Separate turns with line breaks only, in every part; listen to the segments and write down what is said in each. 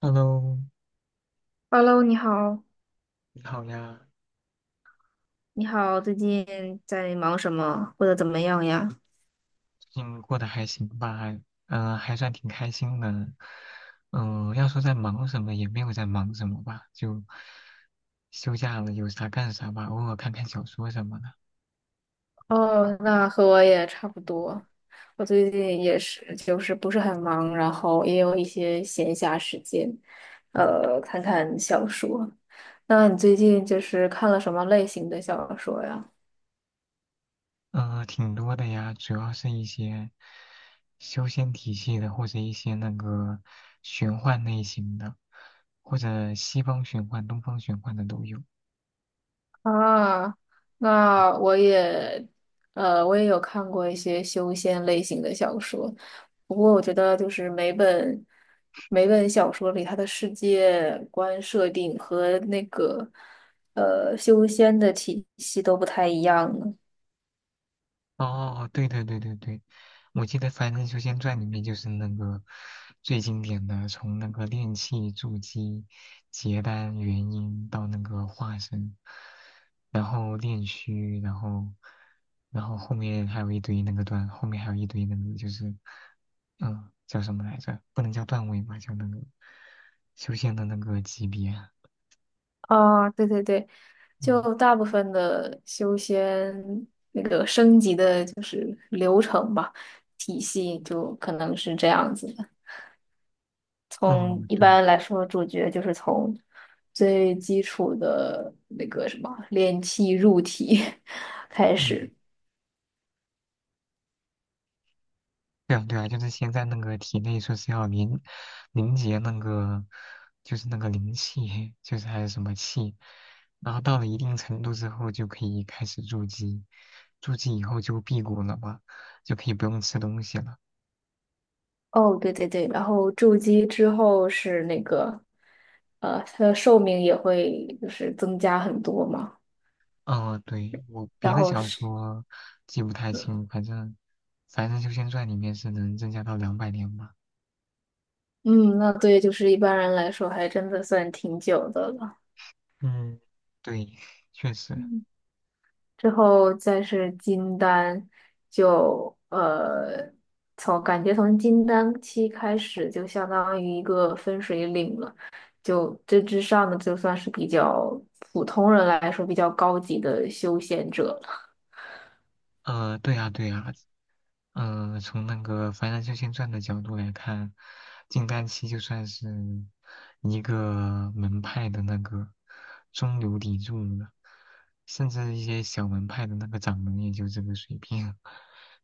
Hello，
Hello，你好，
你好呀，
你好，最近在忙什么或者怎么样呀？
最近过得还行吧？嗯，还算挺开心的。要说在忙什么，也没有在忙什么吧，就休假了，有啥干啥吧，偶尔看看小说什么的。
哦，那和我也差不多。我最近也是，就是不是很忙，然后也有一些闲暇时间，
嗯，
看看小说。那你最近就是看了什么类型的小说呀？
挺多的呀，主要是一些修仙体系的，或者一些那个玄幻类型的，或者西方玄幻、东方玄幻的都有。
啊，那我也，我也有看过一些修仙类型的小说，不过我觉得就是每本小说里它的世界观设定和那个修仙的体系都不太一样呢。
哦，对对对对对，我记得《凡人修仙传》里面就是那个最经典的，从那个炼气筑基、结丹元婴到那个化身，然后炼虚，然后后面还有一堆那个段，后面还有一堆那个就是叫什么来着？不能叫段位吧，叫那个修仙的那个级别啊。
啊，对对对，
嗯，
就大部分的修仙那个升级的就是流程吧，体系就可能是这样子的。
哦，
从一
对，
般来说，主角就是从最基础的那个什么练气入体 开
嗯。
始。
对啊，对啊，就是先在那个体内说是要凝结那个，就是那个灵气，就是还是什么气，然后到了一定程度之后就可以开始筑基，筑基以后就辟谷了嘛，就可以不用吃东西了。
哦，对对对，然后筑基之后是那个，它的寿命也会就是增加很多嘛。
嗯，对，我别
然
的
后
小
是，
说记不太清，反正《修仙传》里面是能增加到200年吧。
嗯，那对，就是一般人来说还真的算挺久的了。
嗯，对，确实。
嗯之后再是金丹，就从感觉从金丹期开始，就相当于一个分水岭了。就这之上的，就算是比较普通人来说比较高级的修仙者了。
对啊，对啊。嗯，从那个《凡人修仙传》的角度来看，金丹期就算是一个门派的那个中流砥柱了，甚至一些小门派的那个掌门也就这个水平，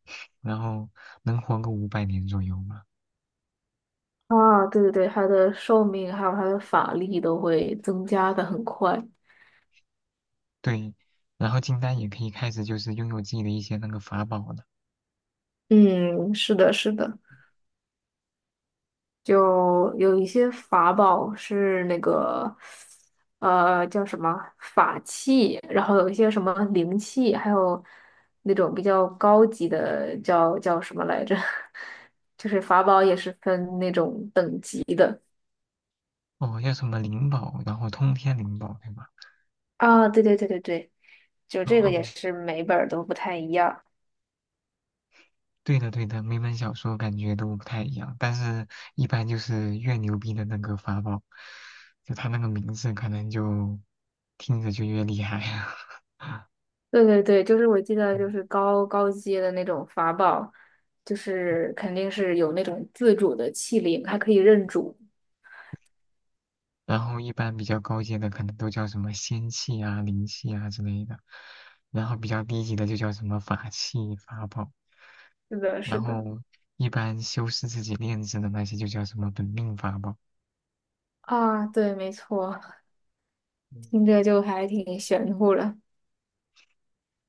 然后能活个500年左右嘛。
啊，对对对，他的寿命还有他的法力都会增加的很快。
对，然后金丹也可以开始就是拥有自己的一些那个法宝了，
嗯，是的，是的。就有一些法宝是那个，叫什么法器，然后有一些什么灵器，还有那种比较高级的叫什么来着？就是法宝也是分那种等级的。
哦，叫什么灵宝，然后通天灵宝，对吧？
啊，对对对对对，就这个
哦，
也是每本儿都不太一样。
对的，对的，每本小说感觉都不太一样，但是一般就是越牛逼的那个法宝，就他那个名字可能就听着就越厉害啊。
对对对，就是我记得就
嗯
是高阶的那种法宝，就是肯定是有那种自主的器灵，还可以认主。
然后一般比较高阶的可能都叫什么仙气啊、灵气啊之类的，然后比较低级的就叫什么法器、法宝，
是的，是
然
的。
后一般修饰自己炼制的那些就叫什么本命法宝。
啊，对，没错，听着就还挺玄乎的。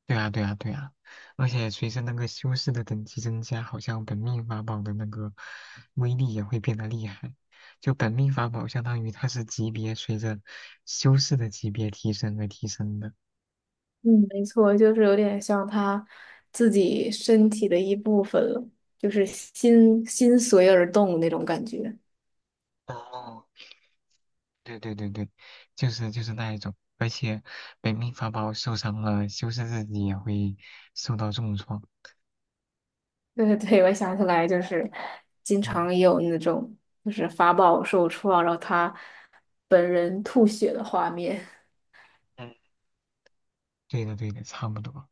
对啊，对啊，对啊，而且随着那个修士的等级增加，好像本命法宝的那个威力也会变得厉害。就本命法宝相当于它是级别随着修士的级别提升而提升的。
嗯，没错，就是有点像他自己身体的一部分了，就是心心随而动那种感觉。
哦，对对对对，就是那一种，而且本命法宝受伤了，修士自己也会受到重创。
对对对，我想起来，就是经
嗯
常也有那种就是法宝受创，然后他本人吐血的画面。
对的，对的，差不多。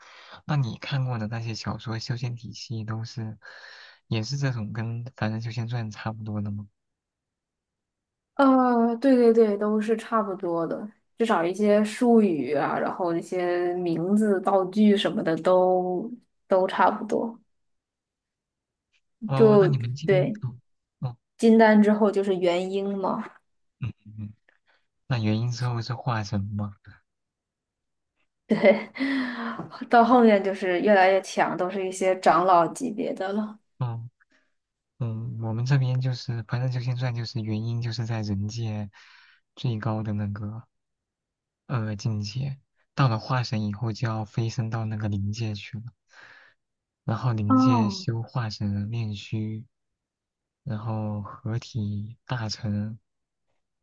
那你看过的那些小说修仙体系都是，也是这种跟《凡人修仙传》差不多的吗？
对对对，都是差不多的，至少一些术语啊，然后一些名字、道具什么的都差不多。
哦，那你
就
们进，
对，
哦，哦，
金丹之后就是元婴嘛。
嗯嗯嗯，那元婴之后是化神吗？
对，到后面就是越来越强，都是一些长老级别的了。
哦，嗯，我们这边就是《凡人修仙传》，就是元婴就是在人界最高的那个境界，到了化神以后就要飞升到那个灵界去了，然后灵界
哦，
修化神炼虚。然后合体大成，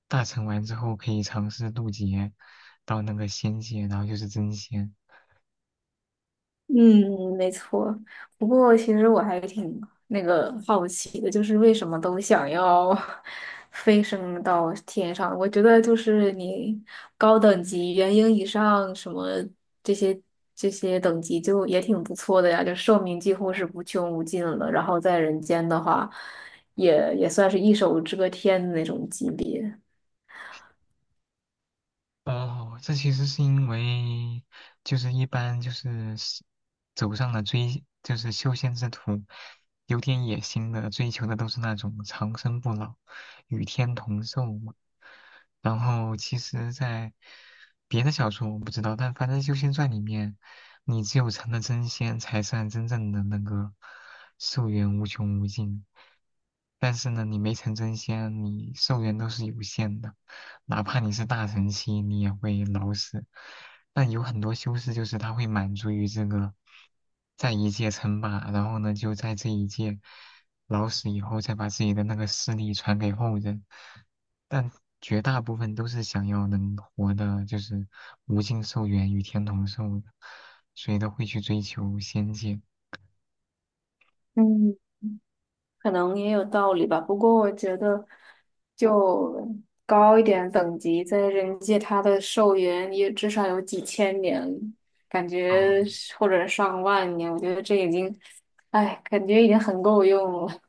大成完之后可以尝试渡劫到那个仙界，然后就是真仙。
嗯，没错。不过其实我还挺那个好奇的，就是为什么都想要 飞升到天上？我觉得就是你高等级元婴以上什么这些这些等级就也挺不错的呀，就寿命几乎是无穷无尽了。然后在人间的话，也算是一手遮天的那种级别。
哦，这其实是因为，就是一般就是是走上了追，就是修仙之途，有点野心的，追求的都是那种长生不老、与天同寿嘛。然后其实，在别的小说我不知道，但反正《修仙传》里面，你只有成了真仙，才算真正的那个寿元无穷无尽。但是呢，你没成真仙，你寿元都是有限的，哪怕你是大成期，你也会老死。但有很多修士就是他会满足于这个，在一界称霸，然后呢就在这一界老死以后，再把自己的那个势力传给后人。但绝大部分都是想要能活的，就是无尽寿元与天同寿的，所以都会去追求仙界。
嗯，可能也有道理吧。不过我觉得，就高一点等级，在人界它的寿元也至少有几千年，感
哦
觉是或者上万年，我觉得这已经，哎，感觉已经很够用了。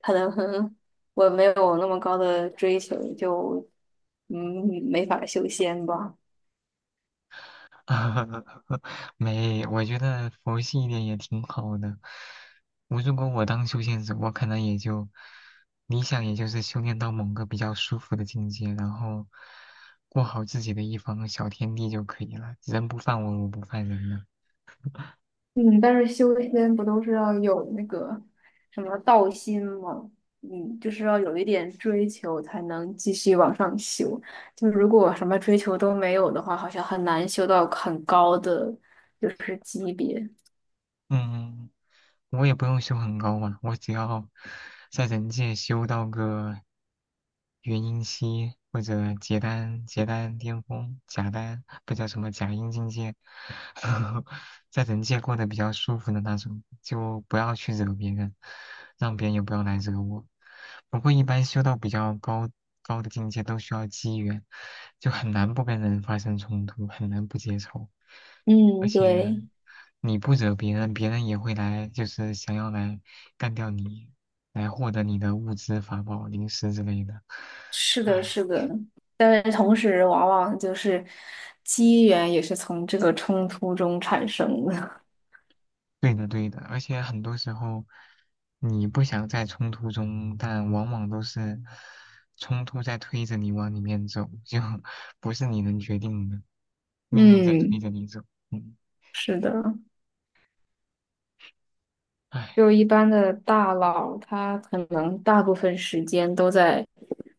可能我没有那么高的追求，就嗯没法修仙吧。
没，我觉得佛系一点也挺好的。我如果当修仙者，我可能也就理想，也就是修炼到某个比较舒服的境界，然后过好自己的一方小天地就可以了。人不犯我，我不犯人了。
嗯，但是修仙不都是要有那个什么道心吗？嗯，就是要有一点追求才能继续往上修。就如果什么追求都没有的话，好像很难修到很高的就是级别。
嗯，我也不用修很高嘛，我只要在人界修到个元婴期或者结丹结丹巅峰假丹，不叫什么假阴境界，在人界过得比较舒服的那种，就不要去惹别人，让别人也不要来惹我。不过一般修到比较高的境界都需要机缘，就很难不跟人发生冲突，很难不结仇。而
嗯，
且
对，
你不惹别人，别人也会来，就是想要来干掉你，来获得你的物资、法宝、零食之类的。
是的，
唉，
是的。但是同时，往往就是机缘也是从这个冲突中产生的。
对的对的，而且很多时候你不想在冲突中，但往往都是冲突在推着你往里面走，就 不是你能决定的，命运在推
嗯，
着你走。嗯，
是的。
唉。
就一般的大佬，他可能大部分时间都在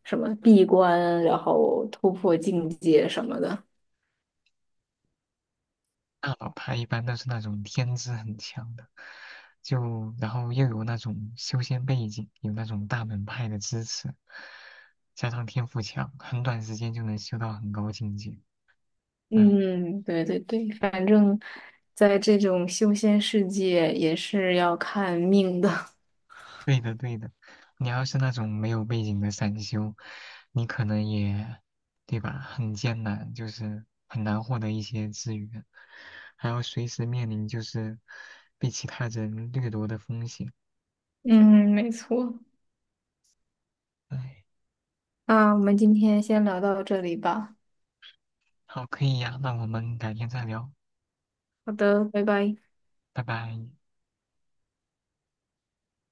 什么闭关，然后突破境界什么的。
大佬派一般都是那种天资很强的，就然后又有那种修仙背景，有那种大门派的支持，加上天赋强，很短时间就能修到很高境界。哎，
嗯，对对对，反正在这种修仙世界也是要看命的。
对的对的，你要是那种没有背景的散修，你可能也，对吧？很艰难，就是很难获得一些资源，还要随时面临就是被其他人掠夺的风险。
嗯，没错。
哎，
那我们今天先聊到这里吧。
好，可以呀，那我们改天再聊。
好的，拜拜。
拜拜。